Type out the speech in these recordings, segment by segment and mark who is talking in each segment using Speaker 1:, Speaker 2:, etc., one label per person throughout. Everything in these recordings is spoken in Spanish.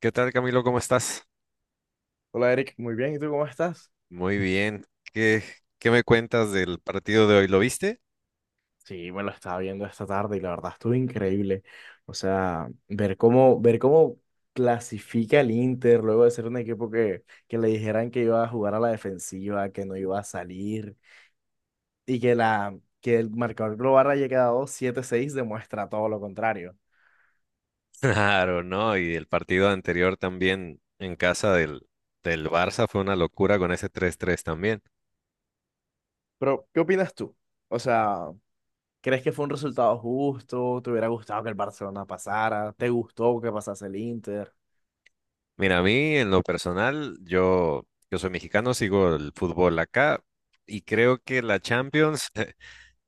Speaker 1: ¿Qué tal, Camilo? ¿Cómo estás?
Speaker 2: Hola Eric, muy bien, ¿y tú cómo estás?
Speaker 1: Muy bien. ¿Qué, qué me cuentas del partido de hoy? ¿Lo viste?
Speaker 2: Sí, me lo estaba viendo esta tarde y la verdad estuvo increíble. O sea, ver cómo clasifica el Inter luego de ser un equipo que le dijeran que iba a jugar a la defensiva, que no iba a salir y que el marcador global haya quedado 7-6 demuestra todo lo contrario.
Speaker 1: Claro, ¿no? Y el partido anterior también en casa del Barça fue una locura con ese 3-3 también.
Speaker 2: Pero, ¿qué opinas tú? O sea, ¿crees que fue un resultado justo? ¿Te hubiera gustado que el Barcelona pasara? ¿Te gustó que pasase el Inter?
Speaker 1: Mira, a mí en lo personal, yo soy mexicano, sigo el fútbol acá y creo que la Champions,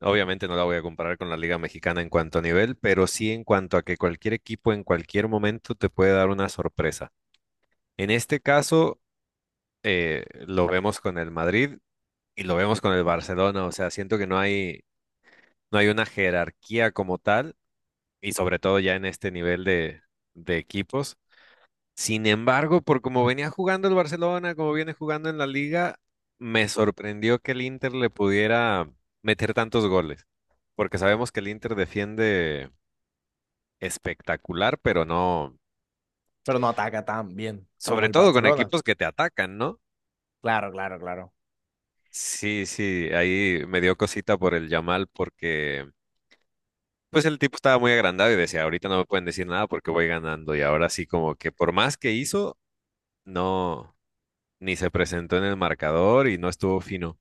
Speaker 1: obviamente no la voy a comparar con la Liga Mexicana en cuanto a nivel, pero sí en cuanto a que cualquier equipo en cualquier momento te puede dar una sorpresa. En este caso, lo vemos con el Madrid y lo vemos con el Barcelona. O sea, siento que no hay una jerarquía como tal, y sobre todo ya en este nivel de equipos. Sin embargo, por como venía jugando el Barcelona, como viene jugando en la liga, me sorprendió que el Inter le pudiera meter tantos goles, porque sabemos que el Inter defiende espectacular, pero no,
Speaker 2: Pero no ataca tan bien como
Speaker 1: sobre
Speaker 2: el
Speaker 1: todo con
Speaker 2: Barcelona.
Speaker 1: equipos que te atacan, ¿no?
Speaker 2: Claro, claro, claro.
Speaker 1: Sí, sí, ahí me dio cosita por el Yamal porque Pues el tipo estaba muy agrandado y decía, ahorita no me pueden decir nada porque voy ganando. Y ahora sí, como que por más que hizo, no, ni se presentó en el marcador y no estuvo fino.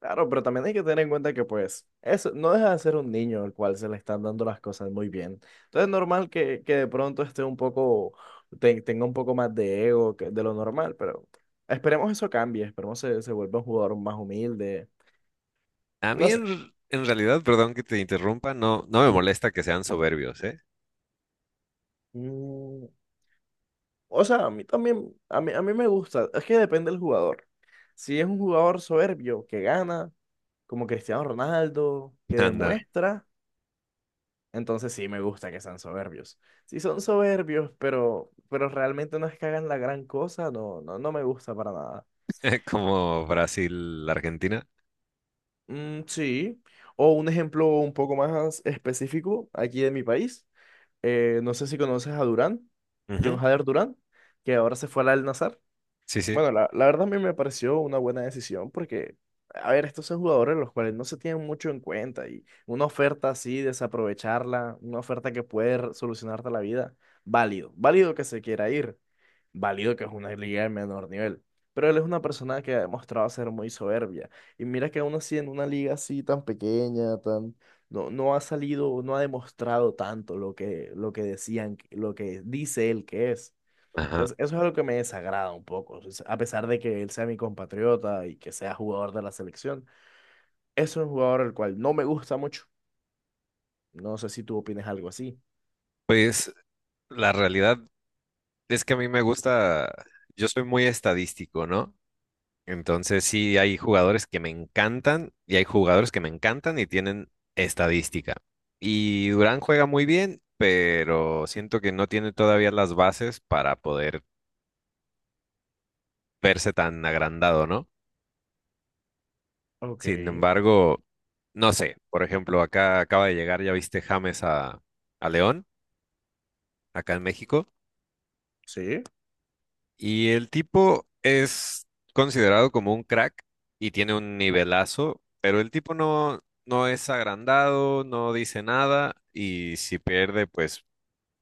Speaker 2: Claro, pero también hay que tener en cuenta que pues eso no deja de ser un niño al cual se le están dando las cosas muy bien. Entonces es normal que de pronto esté un poco, tenga un poco más de ego que de lo normal, pero esperemos eso cambie, esperemos se vuelva un jugador más humilde.
Speaker 1: A mí,
Speaker 2: No sé.
Speaker 1: en realidad, perdón que te interrumpa, no, no me molesta que sean soberbios, ¿eh?
Speaker 2: Mm, o sea, a mí también, a mí me gusta, es que depende del jugador. Si es un jugador soberbio que gana, como Cristiano Ronaldo, que
Speaker 1: Anda,
Speaker 2: demuestra. Entonces sí me gusta que sean soberbios. Sí son soberbios, pero realmente no es que hagan la gran cosa, no, no, no me gusta para nada.
Speaker 1: como Brasil, Argentina.
Speaker 2: Mm, sí. O un ejemplo un poco más específico aquí de mi país. No sé si conoces a Durán, John
Speaker 1: Ujú.
Speaker 2: Hader Durán, que ahora se fue al Al-Nassr.
Speaker 1: Sí, sí.
Speaker 2: Bueno, la verdad a mí me pareció una buena decisión porque, a ver, estos son jugadores los cuales no se tienen mucho en cuenta y una oferta así, desaprovecharla, una oferta que puede solucionarte la vida, válido, válido que se quiera ir, válido que es una liga de menor nivel, pero él es una persona que ha demostrado ser muy soberbia y mira que aún así en una liga así tan pequeña. No, no ha salido, no ha demostrado tanto lo que decían, lo que dice él que es.
Speaker 1: Ajá.
Speaker 2: Entonces, eso es algo que me desagrada un poco. O sea, a pesar de que él sea mi compatriota y que sea jugador de la selección, es un jugador el cual no me gusta mucho. No sé si tú opinas algo así.
Speaker 1: Pues la realidad es que a mí me gusta, yo soy muy estadístico, ¿no? Entonces sí hay jugadores que me encantan y hay jugadores que me encantan y tienen estadística. Y Durán juega muy bien, pero siento que no tiene todavía las bases para poder verse tan agrandado, ¿no?
Speaker 2: Ok,
Speaker 1: Sin embargo, no sé, por ejemplo, acá acaba de llegar, ya viste James a, León, acá en México.
Speaker 2: sí,
Speaker 1: Y el tipo es considerado como un crack y tiene un nivelazo, pero el tipo no es agrandado, no dice nada y si pierde, pues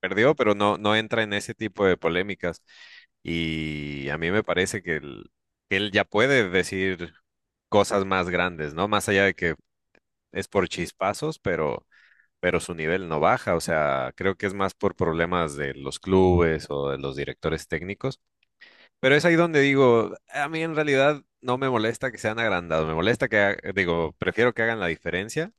Speaker 1: perdió, pero no entra en ese tipo de polémicas. Y a mí me parece que él ya puede decir cosas más grandes, ¿no? Más allá de que es por chispazos, pero su nivel no baja. O sea, creo que es más por problemas de los clubes o de los directores técnicos, pero es ahí donde digo, a mí en realidad no me molesta que sean agrandados, me molesta que, ha- digo, prefiero que hagan la diferencia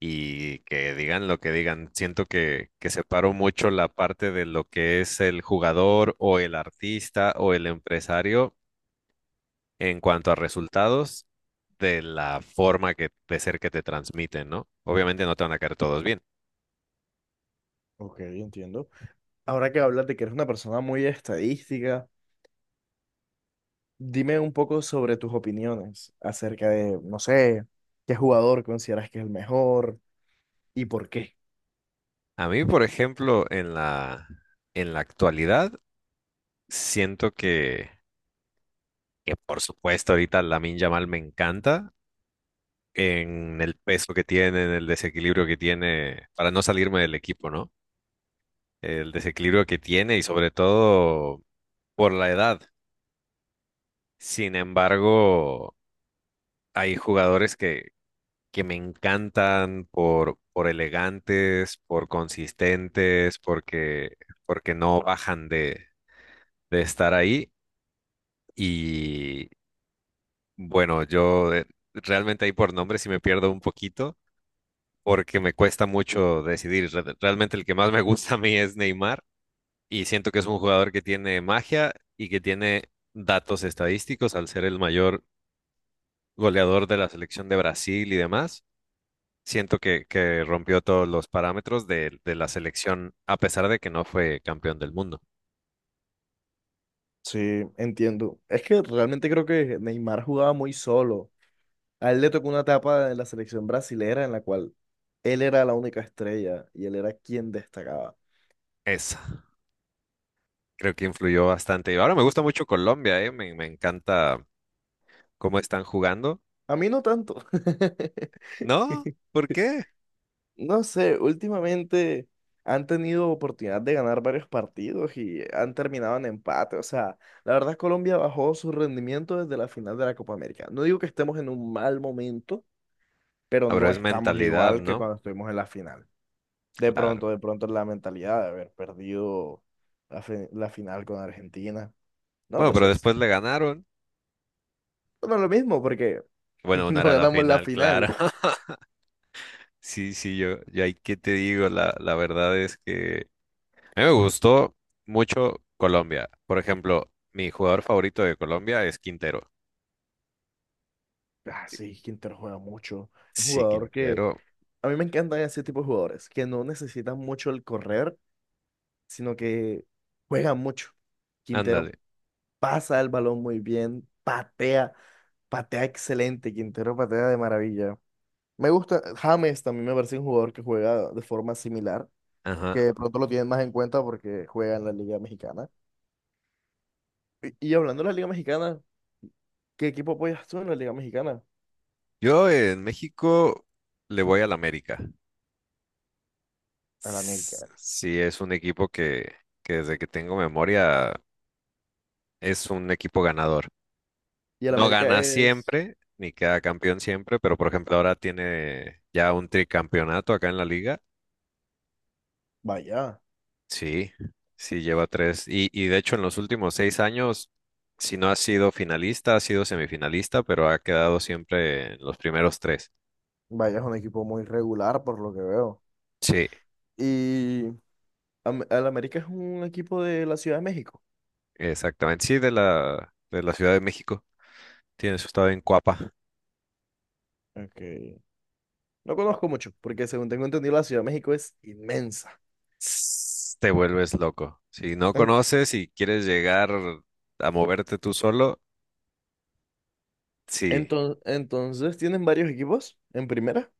Speaker 1: y que digan lo que digan. Siento que separo mucho la parte de lo que es el jugador o el artista o el empresario en cuanto a resultados de la forma que, de ser que te transmiten, ¿no? Obviamente no te van a caer todos bien.
Speaker 2: ok, entiendo. Ahora que hablas de que eres una persona muy estadística, dime un poco sobre tus opiniones acerca de, no sé, qué jugador consideras que es el mejor y por qué.
Speaker 1: A mí, por ejemplo, en la actualidad, siento que por supuesto ahorita Lamine Yamal me encanta en el peso que tiene, en el desequilibrio que tiene, para no salirme del equipo, ¿no? El desequilibrio que tiene y sobre todo por la edad. Sin embargo, hay jugadores que me encantan por elegantes, por consistentes, porque no bajan de estar ahí. Y bueno, yo realmente ahí por nombre sí me pierdo un poquito porque me cuesta mucho decidir. Realmente el que más me gusta a mí es Neymar y siento que es un jugador que tiene magia y que tiene datos estadísticos al ser el mayor goleador de la selección de Brasil y demás. Siento que rompió todos los parámetros de la selección a pesar de que no fue campeón del mundo.
Speaker 2: Sí, entiendo. Es que realmente creo que Neymar jugaba muy solo. A él le tocó una etapa de la selección brasilera en la cual él era la única estrella y él era quien destacaba.
Speaker 1: Esa, creo que influyó bastante. Y ahora me gusta mucho Colombia. Me encanta cómo están jugando.
Speaker 2: A mí no tanto.
Speaker 1: ¿No? ¿Por qué?
Speaker 2: No sé, últimamente han tenido oportunidad de ganar varios partidos y han terminado en empate. O sea, la verdad Colombia bajó su rendimiento desde la final de la Copa América. No digo que estemos en un mal momento, pero
Speaker 1: Ah, pero
Speaker 2: no
Speaker 1: es
Speaker 2: estamos
Speaker 1: mentalidad,
Speaker 2: igual que
Speaker 1: ¿no?
Speaker 2: cuando estuvimos en la final. De
Speaker 1: Claro.
Speaker 2: pronto, de pronto la mentalidad de haber perdido la final con Argentina. No
Speaker 1: Bueno,
Speaker 2: lo
Speaker 1: pero
Speaker 2: sé.
Speaker 1: después le ganaron.
Speaker 2: Bueno, lo mismo porque
Speaker 1: Bueno, una
Speaker 2: no
Speaker 1: era la
Speaker 2: ganamos la
Speaker 1: final, claro.
Speaker 2: final.
Speaker 1: Sí, sí, yo ahí que te digo, la verdad es que a mí me gustó mucho Colombia. Por ejemplo, mi jugador favorito de Colombia es Quintero.
Speaker 2: Ah, sí, Quintero juega mucho. Un
Speaker 1: Sí,
Speaker 2: jugador que
Speaker 1: Quintero,
Speaker 2: a mí me encantan ese tipo de jugadores, que no necesitan mucho el correr, sino que juegan mucho. Quintero
Speaker 1: ándale.
Speaker 2: pasa el balón muy bien, patea, patea excelente. Quintero patea de maravilla. Me gusta, James también me parece un jugador que juega de forma similar,
Speaker 1: Ajá.
Speaker 2: que de pronto lo tienen más en cuenta porque juega en la Liga Mexicana. Y hablando de la Liga Mexicana, ¿qué equipo apoyas tú en la Liga Mexicana?
Speaker 1: Yo en México le voy al América.
Speaker 2: Al
Speaker 1: S-
Speaker 2: América.
Speaker 1: Sí, es un equipo que desde que tengo memoria es un equipo ganador.
Speaker 2: Y el
Speaker 1: No
Speaker 2: América
Speaker 1: gana
Speaker 2: es,
Speaker 1: siempre, ni queda campeón siempre, pero por ejemplo ahora tiene ya un tricampeonato acá en la liga.
Speaker 2: vaya.
Speaker 1: Sí, sí, lleva tres. Y de hecho en los últimos seis años, si no ha sido finalista, ha sido semifinalista, pero ha quedado siempre en los primeros tres.
Speaker 2: Vaya, es un equipo muy regular por lo que veo.
Speaker 1: Sí,
Speaker 2: Y el América es un equipo de la Ciudad de México.
Speaker 1: exactamente. Sí, de la Ciudad de México. Tiene su estado en Coapa.
Speaker 2: Okay. No conozco mucho, porque según tengo entendido, la Ciudad de México es inmensa.
Speaker 1: Te vuelves loco. Si no
Speaker 2: En-
Speaker 1: conoces y quieres llegar a moverte tú solo, sí.
Speaker 2: entonces, ¿tienen varios equipos en primera?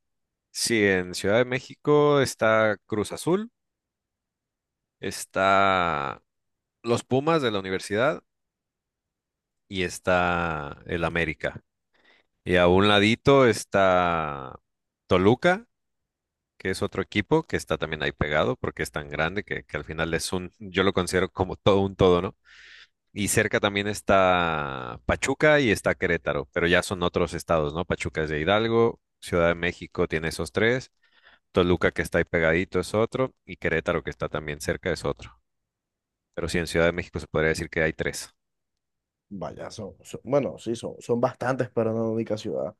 Speaker 1: Sí, en Ciudad de México está Cruz Azul, está los Pumas de la universidad y está el América. Y a un ladito está Toluca, que es otro equipo que está también ahí pegado porque es tan grande que al final yo lo considero como todo un todo, ¿no? Y cerca también está Pachuca y está Querétaro, pero ya son otros estados, ¿no? Pachuca es de Hidalgo, Ciudad de México tiene esos tres, Toluca que está ahí pegadito es otro y Querétaro que está también cerca es otro. Pero sí, en Ciudad de México se podría decir que hay tres.
Speaker 2: Vaya, bueno, sí, son bastantes para una única ciudad.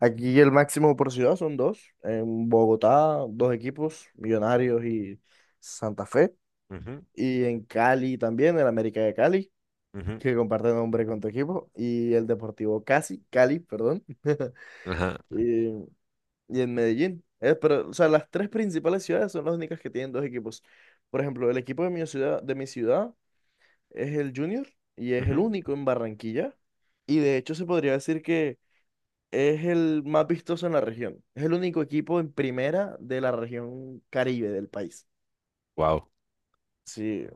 Speaker 2: Aquí el máximo por ciudad son dos. En Bogotá, dos equipos, Millonarios y Santa Fe.
Speaker 1: Ujú,
Speaker 2: Y en Cali también, el América de Cali,
Speaker 1: ujú,
Speaker 2: que comparte nombre con tu equipo, y el Deportivo Casi, Cali, perdón,
Speaker 1: ajá,
Speaker 2: y, y en Medellín. Pero, o sea, las tres principales ciudades son las únicas que tienen dos equipos. Por ejemplo, el equipo de mi ciudad, es el Junior y es el
Speaker 1: ujú.
Speaker 2: único en Barranquilla. Y de hecho se podría decir que es el más vistoso en la región. Es el único equipo en primera de la región Caribe del país.
Speaker 1: Wow.
Speaker 2: Sí,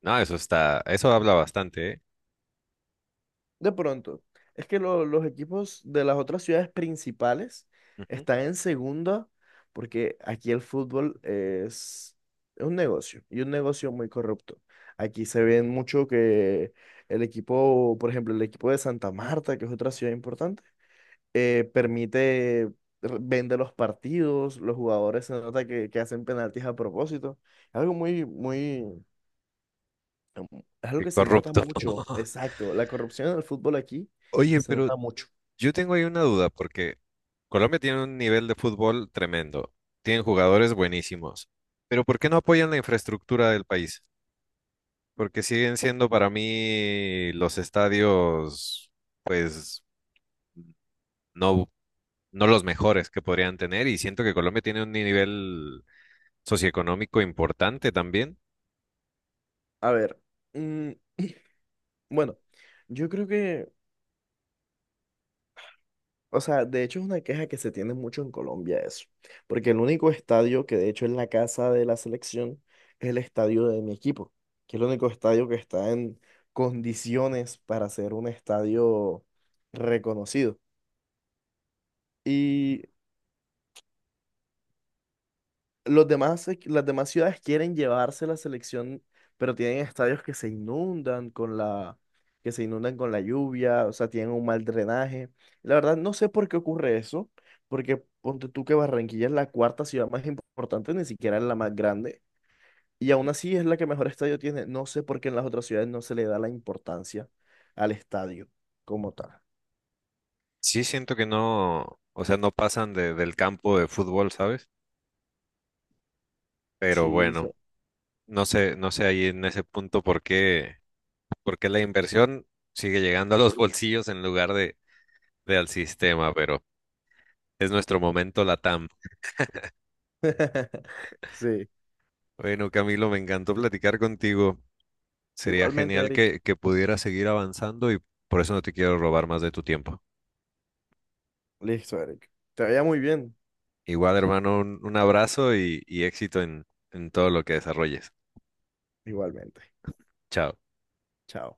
Speaker 1: No, eso está, eso habla bastante,
Speaker 2: de pronto, es que los equipos de las otras ciudades principales
Speaker 1: ¿eh?
Speaker 2: están en segunda porque aquí el fútbol es un negocio y un negocio muy corrupto. Aquí se ven mucho que el equipo, por ejemplo, el equipo de Santa Marta, que es otra ciudad importante, permite, vende los partidos, los jugadores se nota que hacen penaltis a propósito. Algo muy, muy, Am- es algo
Speaker 1: Qué
Speaker 2: que se nota
Speaker 1: corrupto.
Speaker 2: mucho, exacto. La corrupción en el fútbol aquí
Speaker 1: Oye,
Speaker 2: se
Speaker 1: pero
Speaker 2: nota mucho.
Speaker 1: yo tengo ahí una duda, porque Colombia tiene un nivel de fútbol tremendo, tienen jugadores buenísimos, pero ¿por qué no apoyan la infraestructura del país? Porque siguen siendo para mí los estadios, pues, no, no los mejores que podrían tener, y siento que Colombia tiene un nivel socioeconómico importante también.
Speaker 2: A ver, mm, bueno, yo creo que, o sea, de hecho es una queja que se tiene mucho en Colombia eso, porque el único estadio que de hecho es la casa de la selección es el estadio de mi equipo, que es el único estadio que está en condiciones para ser un estadio reconocido. Y las demás ciudades quieren llevarse la selección, pero tienen estadios que se inundan con la lluvia, o sea, tienen un mal drenaje. La verdad, no sé por qué ocurre eso, porque ponte tú que Barranquilla es la cuarta ciudad más importante, ni siquiera es la más grande, y aún así es la que mejor estadio tiene. No sé por qué en las otras ciudades no se le da la importancia al estadio como tal.
Speaker 1: Sí, siento que no, o sea, no pasan del campo de fútbol, ¿sabes? Pero
Speaker 2: Sí,
Speaker 1: bueno. No sé ahí en ese punto por qué, la inversión sigue llegando a los bolsillos en lugar de al sistema, pero es nuestro momento LATAM.
Speaker 2: sí.
Speaker 1: Bueno, Camilo, me encantó platicar contigo. Sería
Speaker 2: Igualmente,
Speaker 1: genial
Speaker 2: Eric.
Speaker 1: que pudieras seguir avanzando y por eso no te quiero robar más de tu tiempo.
Speaker 2: Listo, Eric. Te veía muy bien,
Speaker 1: Igual, hermano, un abrazo y éxito en todo lo que desarrolles.
Speaker 2: igualmente.
Speaker 1: Chao.
Speaker 2: Chao.